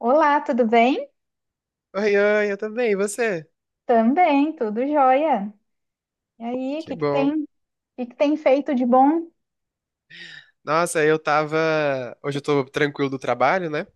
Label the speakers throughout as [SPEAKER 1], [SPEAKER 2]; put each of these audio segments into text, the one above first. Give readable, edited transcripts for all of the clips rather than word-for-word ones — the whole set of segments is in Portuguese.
[SPEAKER 1] Olá, tudo bem?
[SPEAKER 2] Oi, oi, eu também, e você?
[SPEAKER 1] Também, tudo jóia. E aí,
[SPEAKER 2] Que bom.
[SPEAKER 1] o que que tem feito de bom?
[SPEAKER 2] Nossa, eu tava. Hoje eu tô tranquilo do trabalho, né?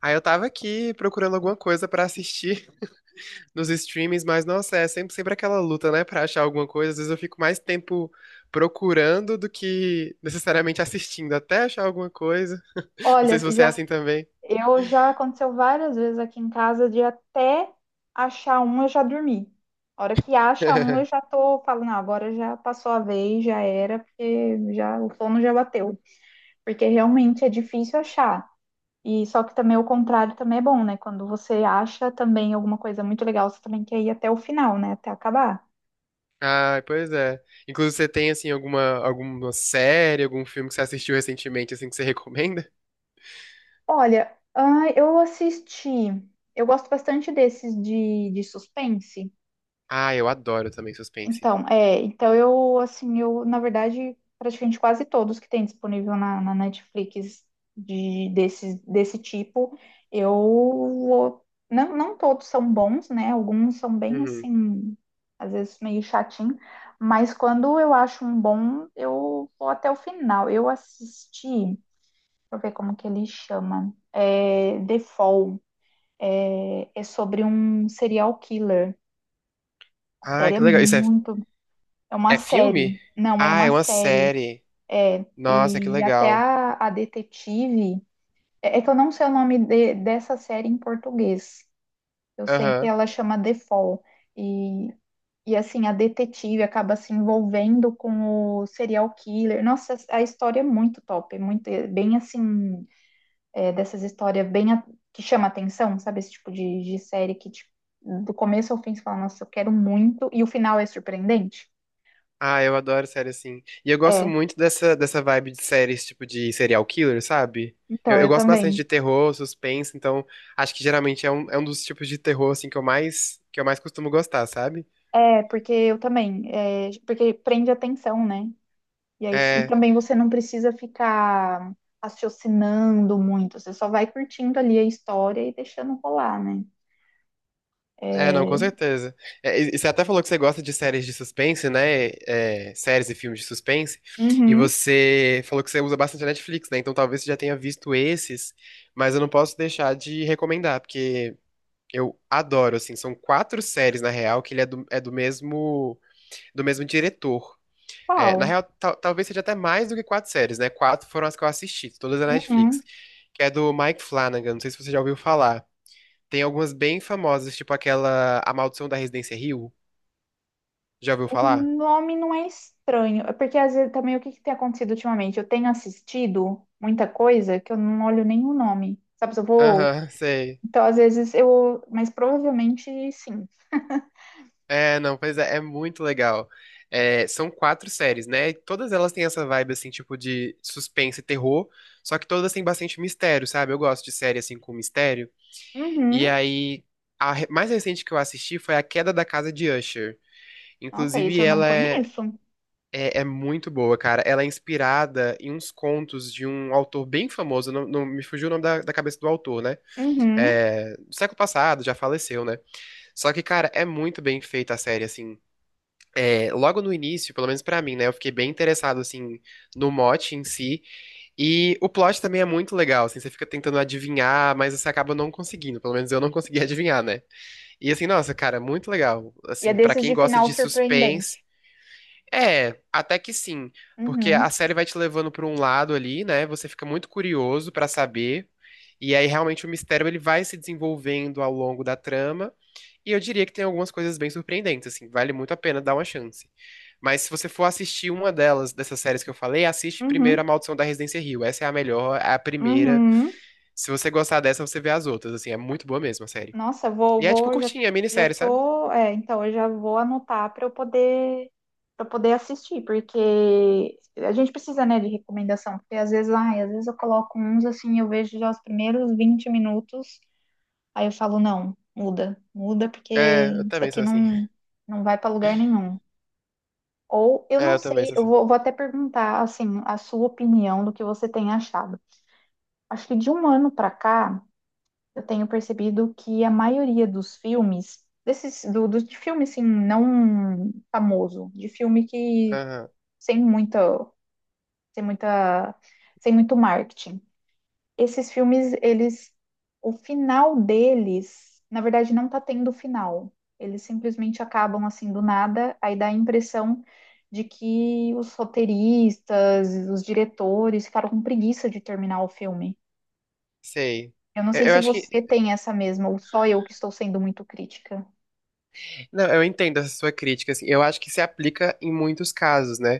[SPEAKER 2] Aí eu tava aqui procurando alguma coisa pra assistir nos streamings, mas nossa, é sempre, sempre aquela luta, né, pra achar alguma coisa. Às vezes eu fico mais tempo procurando do que necessariamente assistindo, até achar alguma coisa. Não sei
[SPEAKER 1] Olha,
[SPEAKER 2] se você é
[SPEAKER 1] já,
[SPEAKER 2] assim também.
[SPEAKER 1] eu já aconteceu várias vezes aqui em casa de até achar um, eu já dormi. A hora que acha um, eu já tô falando, não, agora já passou a vez, já era, porque já o sono já bateu. Porque realmente é difícil achar. E só que também o contrário também é bom, né? Quando você acha também alguma coisa muito legal, você também quer ir até o final, né? Até acabar.
[SPEAKER 2] Ah, pois é. Inclusive, você tem, assim, alguma, alguma série, algum filme que você assistiu recentemente, assim, que você recomenda?
[SPEAKER 1] Olha, ah, eu assisti. Eu gosto bastante desses de suspense.
[SPEAKER 2] Ah, eu adoro também suspense.
[SPEAKER 1] Então, é, então eu assim, eu na verdade praticamente quase todos que tem disponível na Netflix desse tipo, não todos são bons, né? Alguns são bem
[SPEAKER 2] Uhum.
[SPEAKER 1] assim, às vezes meio chatinho, mas quando eu acho um bom, eu vou até o final. Eu assisti, deixa eu ver como que ele chama, The Fall. É, é sobre um serial killer. A
[SPEAKER 2] Ai,
[SPEAKER 1] série é
[SPEAKER 2] que legal. Isso é,
[SPEAKER 1] muito. É uma
[SPEAKER 2] é filme?
[SPEAKER 1] série. Não, é
[SPEAKER 2] Ah,
[SPEAKER 1] uma
[SPEAKER 2] é uma
[SPEAKER 1] série.
[SPEAKER 2] série.
[SPEAKER 1] É.
[SPEAKER 2] Nossa, que
[SPEAKER 1] E até
[SPEAKER 2] legal.
[SPEAKER 1] a detetive. É, é que eu não sei o nome dessa série em português. Eu sei que
[SPEAKER 2] Aham.
[SPEAKER 1] ela chama The Fall. E, e assim, a detetive acaba se envolvendo com o serial killer. Nossa, a história é muito top. É muito, é bem assim. Dessas histórias que chama atenção, sabe? Esse tipo de série que tipo, do começo ao fim você fala, nossa, eu quero muito, e o final é surpreendente.
[SPEAKER 2] Ah, eu adoro série assim. E eu gosto
[SPEAKER 1] É,
[SPEAKER 2] muito dessa, dessa vibe de séries, tipo de serial killer, sabe? Eu,
[SPEAKER 1] então,
[SPEAKER 2] eu
[SPEAKER 1] eu
[SPEAKER 2] gosto bastante de
[SPEAKER 1] também.
[SPEAKER 2] terror, suspense, então acho que geralmente é um dos tipos de terror, assim, que eu mais costumo gostar, sabe?
[SPEAKER 1] É, porque eu também. Porque prende a atenção, né? E, aí, e
[SPEAKER 2] É.
[SPEAKER 1] também você não precisa ficar raciocinando muito, você só vai curtindo ali a história e deixando rolar, né?
[SPEAKER 2] É, não, com
[SPEAKER 1] É,
[SPEAKER 2] certeza. É, e você até falou que você gosta de séries de suspense, né? É, séries e filmes de suspense. E
[SPEAKER 1] uhum,
[SPEAKER 2] você falou que você usa bastante a Netflix, né? Então talvez você já tenha visto esses, mas eu não posso deixar de recomendar, porque eu adoro, assim, são quatro séries, na real, que ele é do mesmo diretor. É, na
[SPEAKER 1] qual?
[SPEAKER 2] real, talvez seja até mais do que quatro séries, né? Quatro foram as que eu assisti, todas da Netflix.
[SPEAKER 1] Uhum.
[SPEAKER 2] Que é do Mike Flanagan, não sei se você já ouviu falar. Tem algumas bem famosas, tipo aquela A Maldição da Residência Hill. Já ouviu
[SPEAKER 1] O
[SPEAKER 2] falar?
[SPEAKER 1] nome não é estranho, é porque às vezes também o que que tem acontecido ultimamente? Eu tenho assistido muita coisa que eu não olho nenhum nome, sabe? Se eu vou.
[SPEAKER 2] Aham, sei.
[SPEAKER 1] Então, às vezes eu. Mas provavelmente sim.
[SPEAKER 2] É, não, pois é, é muito legal. É, são quatro séries, né? E todas elas têm essa vibe, assim, tipo de suspense e terror, só que todas têm bastante mistério, sabe? Eu gosto de série, assim, com mistério. E
[SPEAKER 1] Uhum.
[SPEAKER 2] aí, a mais recente que eu assisti foi A Queda da Casa de Usher.
[SPEAKER 1] Nossa, esse
[SPEAKER 2] Inclusive,
[SPEAKER 1] eu não
[SPEAKER 2] ela é,
[SPEAKER 1] conheço.
[SPEAKER 2] é muito boa, cara. Ela é inspirada em uns contos de um autor bem famoso, não, não me fugiu o nome da, da cabeça do autor, né?
[SPEAKER 1] Uhum.
[SPEAKER 2] É, do século passado, já faleceu, né? Só que, cara, é muito bem feita a série, assim. É, logo no início, pelo menos pra mim, né? Eu fiquei bem interessado, assim, no mote em si. E o plot também é muito legal, assim, você fica tentando adivinhar, mas você acaba não conseguindo, pelo menos eu não consegui adivinhar, né? E assim, nossa, cara, muito legal.
[SPEAKER 1] E é
[SPEAKER 2] Assim, pra
[SPEAKER 1] desses
[SPEAKER 2] quem
[SPEAKER 1] de
[SPEAKER 2] gosta
[SPEAKER 1] final
[SPEAKER 2] de suspense,
[SPEAKER 1] surpreendente.
[SPEAKER 2] é, até que sim, porque
[SPEAKER 1] Uhum.
[SPEAKER 2] a série vai te levando para um lado ali, né? Você fica muito curioso para saber, e aí realmente o mistério ele vai se desenvolvendo ao longo da trama, e eu diria que tem algumas coisas bem surpreendentes, assim, vale muito a pena dar uma chance. Mas se você for assistir uma delas, dessas séries que eu falei, assiste primeiro A
[SPEAKER 1] Uhum.
[SPEAKER 2] Maldição da Residência Hill. Essa é a melhor, é a primeira.
[SPEAKER 1] Uhum.
[SPEAKER 2] Se você gostar dessa, você vê as outras, assim, é muito boa mesmo a série.
[SPEAKER 1] Nossa,
[SPEAKER 2] E é tipo
[SPEAKER 1] já,
[SPEAKER 2] curtinha,
[SPEAKER 1] já
[SPEAKER 2] minissérie, sabe?
[SPEAKER 1] tô, então eu já vou anotar para poder assistir, porque a gente precisa, né, de recomendação, porque às vezes, ai, às vezes eu coloco uns assim, eu vejo já os primeiros 20 minutos, aí eu falo, não, muda, muda, porque
[SPEAKER 2] É, eu
[SPEAKER 1] isso
[SPEAKER 2] também
[SPEAKER 1] aqui
[SPEAKER 2] sou assim.
[SPEAKER 1] não vai para lugar nenhum. Ou eu
[SPEAKER 2] É,
[SPEAKER 1] não
[SPEAKER 2] eu também
[SPEAKER 1] sei,
[SPEAKER 2] sou
[SPEAKER 1] eu
[SPEAKER 2] assim.
[SPEAKER 1] vou até perguntar assim, a sua opinião do que você tem achado. Acho que de um ano para cá eu tenho percebido que a maioria dos filmes, desses, de filme assim, não famoso, de filme que
[SPEAKER 2] Aham,
[SPEAKER 1] sem muita, sem muita, sem muito marketing. Esses filmes, eles, o final deles, na verdade, não tá tendo final. Eles simplesmente acabam assim do nada, aí dá a impressão de que os roteiristas, os diretores ficaram com preguiça de terminar o filme.
[SPEAKER 2] sei.
[SPEAKER 1] Eu não sei
[SPEAKER 2] Eu
[SPEAKER 1] se
[SPEAKER 2] acho que
[SPEAKER 1] você tem essa mesma, ou só eu que estou sendo muito crítica.
[SPEAKER 2] Não, eu entendo essa sua crítica, assim. Eu acho que se aplica em muitos casos, né?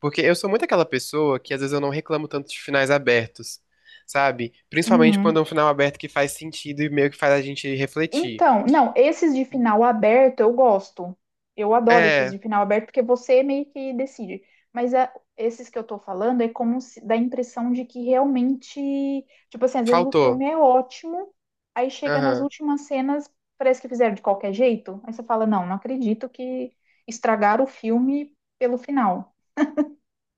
[SPEAKER 2] Porque eu sou muito aquela pessoa que às vezes eu não reclamo tanto de finais abertos, sabe? Principalmente
[SPEAKER 1] Uhum.
[SPEAKER 2] quando é um final aberto que faz sentido e meio que faz a gente refletir.
[SPEAKER 1] Então, não, esses de final aberto eu gosto. Eu adoro esses
[SPEAKER 2] É,
[SPEAKER 1] de final aberto, porque você meio que decide. Mas esses que eu tô falando é como se dá a impressão de que realmente, tipo assim, às vezes o filme
[SPEAKER 2] faltou.
[SPEAKER 1] é ótimo, aí chega nas
[SPEAKER 2] Aham.
[SPEAKER 1] últimas cenas, parece que fizeram de qualquer jeito. Aí você fala, não, não acredito que estragaram o filme pelo final.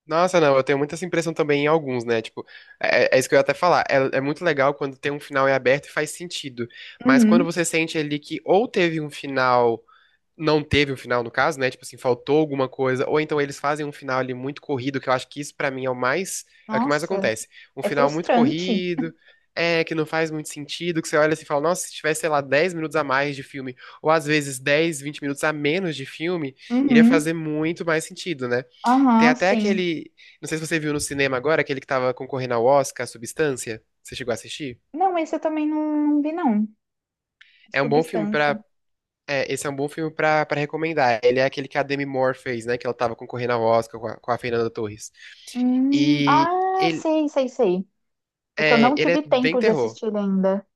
[SPEAKER 2] Nossa, não, eu tenho muita essa impressão também em alguns, né? Tipo, é, é isso que eu ia até falar. É, é muito legal quando tem um final em aberto e faz sentido. Mas quando
[SPEAKER 1] Uhum.
[SPEAKER 2] você sente ali que ou teve um final, não teve um final, no caso, né? Tipo assim, faltou alguma coisa. Ou então eles fazem um final ali muito corrido, que eu acho que isso pra mim é o mais, é o que mais
[SPEAKER 1] Nossa,
[SPEAKER 2] acontece. Um
[SPEAKER 1] é
[SPEAKER 2] final muito
[SPEAKER 1] frustrante.
[SPEAKER 2] corrido, é, que não faz muito sentido, que você olha assim e fala, nossa, se tivesse, sei lá, 10 minutos a mais de filme, ou às vezes 10 20 minutos a menos de filme, iria
[SPEAKER 1] Uhum.
[SPEAKER 2] fazer muito mais sentido, né? Tem
[SPEAKER 1] Aham,
[SPEAKER 2] até
[SPEAKER 1] sim.
[SPEAKER 2] aquele, não sei se você viu no cinema agora, aquele que tava concorrendo ao Oscar, Substância. Você chegou a assistir?
[SPEAKER 1] Não, esse eu também não, não vi, não.
[SPEAKER 2] É um bom filme
[SPEAKER 1] Substância.
[SPEAKER 2] pra É, esse é um bom filme pra, pra recomendar. Ele é aquele que a Demi Moore fez, né? Que ela tava concorrendo ao Oscar com a Fernanda Torres. E
[SPEAKER 1] Ah,
[SPEAKER 2] ele
[SPEAKER 1] sei, sei, sei. É que eu não
[SPEAKER 2] ele
[SPEAKER 1] tive
[SPEAKER 2] é bem
[SPEAKER 1] tempo de
[SPEAKER 2] terror.
[SPEAKER 1] assistir ainda.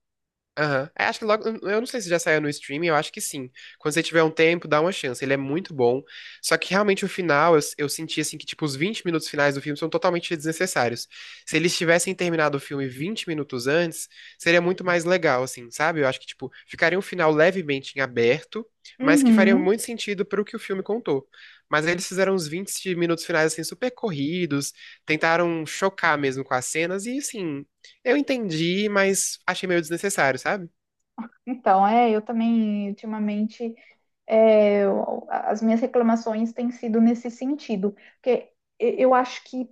[SPEAKER 2] Aham. É, acho que logo. Eu não sei se já saiu no streaming, eu acho que sim. Quando você tiver um tempo, dá uma chance. Ele é muito bom. Só que realmente o final, eu senti assim que, tipo, os 20 minutos finais do filme são totalmente desnecessários. Se eles tivessem terminado o filme 20 minutos antes, seria muito mais legal, assim, sabe? Eu acho que, tipo, ficaria um final levemente em aberto, mas que faria
[SPEAKER 1] Uhum.
[SPEAKER 2] muito sentido pro que o filme contou. Mas aí eles fizeram uns 20 minutos finais, assim, super corridos, tentaram chocar mesmo com as cenas, e assim. Eu entendi, mas achei meio desnecessário, sabe?
[SPEAKER 1] Então, é, eu também, ultimamente, é, eu- as minhas reclamações têm sido nesse sentido. Porque eu acho que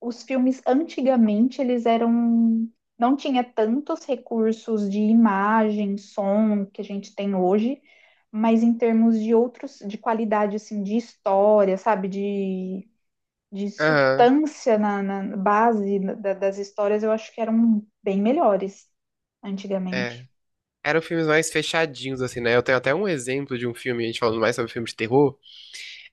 [SPEAKER 1] os filmes antigamente eles eram não tinha tantos recursos de imagem, som que a gente tem hoje, mas em termos de outros de qualidade assim de história, sabe, de
[SPEAKER 2] Aham,
[SPEAKER 1] substância na, na base das histórias, eu acho que eram bem melhores
[SPEAKER 2] é.
[SPEAKER 1] antigamente.
[SPEAKER 2] Eram filmes mais fechadinhos, assim, né? Eu tenho até um exemplo de um filme, a gente falando mais sobre filmes de terror.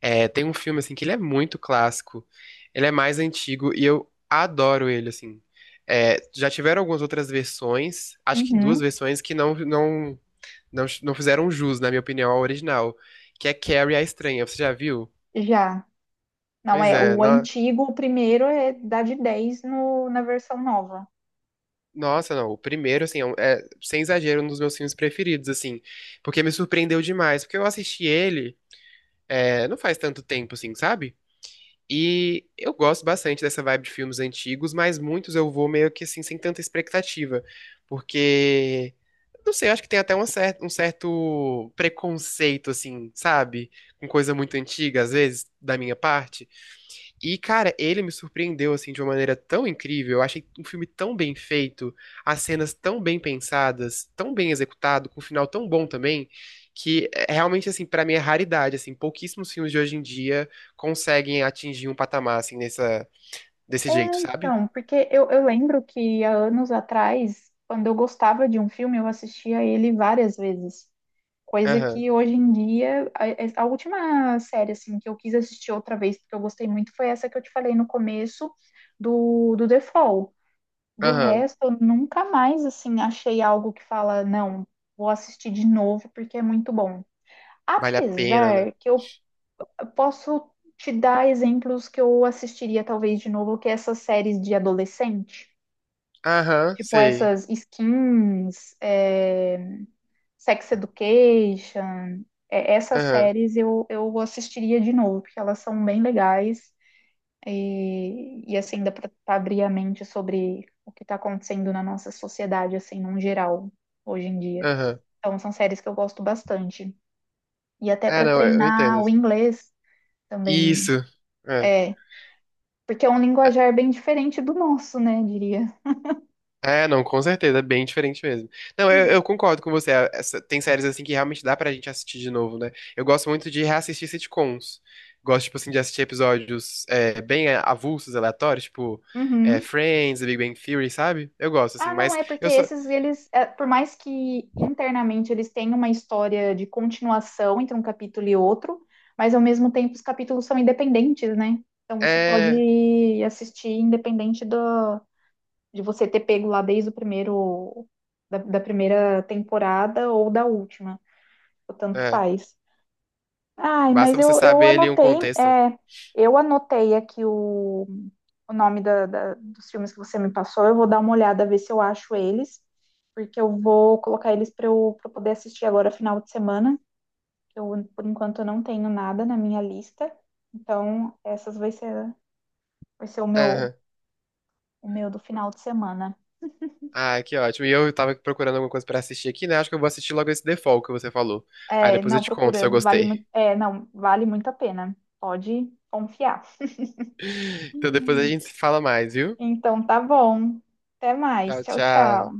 [SPEAKER 2] É, tem um filme, assim, que ele é muito clássico. Ele é mais antigo e eu adoro ele, assim. É, já tiveram algumas outras versões, acho que duas
[SPEAKER 1] Uhum,
[SPEAKER 2] versões, que não, não, não fizeram jus, na minha opinião, ao original. Que é Carrie a Estranha, você já viu?
[SPEAKER 1] já. Não
[SPEAKER 2] Pois
[SPEAKER 1] é,
[SPEAKER 2] é,
[SPEAKER 1] o antigo, o primeiro é dá de 10 no, na versão nova.
[SPEAKER 2] nossa, não. O primeiro, assim, é, é, sem exagero, um dos meus filmes preferidos, assim. Porque me surpreendeu demais. Porque eu assisti ele, é, não faz tanto tempo, assim, sabe? E eu gosto bastante dessa vibe de filmes antigos, mas muitos eu vou meio que, assim, sem tanta expectativa. Porque, não sei, eu acho que tem até uma um certo preconceito, assim, sabe? Com coisa muito antiga, às vezes, da minha parte. E, cara, ele me surpreendeu assim de uma maneira tão incrível. Eu achei um filme tão bem feito, as cenas tão bem pensadas, tão bem executado, com um final tão bom também, que é realmente assim, pra mim é raridade, assim, pouquíssimos filmes de hoje em dia conseguem atingir um patamar assim nessa, desse
[SPEAKER 1] É,
[SPEAKER 2] jeito, sabe?
[SPEAKER 1] então, porque eu lembro que há anos atrás, quando eu gostava de um filme, eu assistia ele várias vezes. Coisa
[SPEAKER 2] Aham.
[SPEAKER 1] que hoje em dia, a, é, a última série assim que eu quis assistir outra vez, porque eu gostei muito, foi essa que eu te falei no começo do The Fall. Do
[SPEAKER 2] Aham.
[SPEAKER 1] resto, eu nunca mais assim achei algo que fala, não, vou assistir de novo porque é muito bom.
[SPEAKER 2] Vale a pena, né?
[SPEAKER 1] Apesar que eu. Posso te dar exemplos que eu assistiria talvez de novo, que é essas séries de adolescente,
[SPEAKER 2] Aham,
[SPEAKER 1] tipo
[SPEAKER 2] sei.
[SPEAKER 1] essas Skins, Sex Education, é, essas
[SPEAKER 2] Aham.
[SPEAKER 1] séries eu assistiria de novo, porque elas são bem legais e assim dá para abrir a mente sobre o que está acontecendo na nossa sociedade, assim, num geral, hoje em dia.
[SPEAKER 2] Aham.
[SPEAKER 1] Então são séries que eu gosto bastante. E até
[SPEAKER 2] Ah,
[SPEAKER 1] para
[SPEAKER 2] não, eu entendo.
[SPEAKER 1] treinar o inglês também.
[SPEAKER 2] Isso. É.
[SPEAKER 1] É, porque é um linguajar bem diferente do nosso, né, diria.
[SPEAKER 2] É, não, com certeza, é bem diferente mesmo. Não, eu concordo com você. Tem séries assim que realmente dá pra gente assistir de novo, né? Eu gosto muito de reassistir sitcoms. Gosto, tipo assim, de assistir episódios, é, bem, é, avulsos, aleatórios, tipo é,
[SPEAKER 1] Uhum.
[SPEAKER 2] Friends, The Big Bang Theory, sabe? Eu gosto, assim,
[SPEAKER 1] Ah, não,
[SPEAKER 2] mas
[SPEAKER 1] é porque
[SPEAKER 2] eu só.
[SPEAKER 1] esses, eles, é, por mais que internamente eles tenham uma história de continuação entre um capítulo e outro, mas ao mesmo tempo os capítulos são independentes, né? Então você
[SPEAKER 2] É,
[SPEAKER 1] pode assistir independente do, de você ter pego lá desde o primeiro, da primeira temporada ou da última, o tanto
[SPEAKER 2] é,
[SPEAKER 1] faz. Ai, mas
[SPEAKER 2] basta você
[SPEAKER 1] eu,
[SPEAKER 2] saber ali um
[SPEAKER 1] anotei,
[SPEAKER 2] contexto.
[SPEAKER 1] é, eu anotei aqui o, nome dos filmes que você me passou. Eu vou dar uma olhada, ver se eu acho eles, porque eu vou colocar eles pra eu poder assistir agora final de semana. Que eu, por enquanto, eu não tenho nada na minha lista. Então, essas vai ser o meu,
[SPEAKER 2] Aham.
[SPEAKER 1] do final de semana.
[SPEAKER 2] Ah, que ótimo. E eu tava procurando alguma coisa pra assistir aqui, né? Acho que eu vou assistir logo esse default que você falou. Aí
[SPEAKER 1] É,
[SPEAKER 2] depois eu
[SPEAKER 1] não,
[SPEAKER 2] te conto se eu
[SPEAKER 1] procura, vale
[SPEAKER 2] gostei.
[SPEAKER 1] muito, é, não, vale muito a pena. Pode confiar.
[SPEAKER 2] Então depois a gente se fala mais, viu?
[SPEAKER 1] Então, tá bom. Até mais.
[SPEAKER 2] Tchau,
[SPEAKER 1] Tchau, tchau.
[SPEAKER 2] tchau.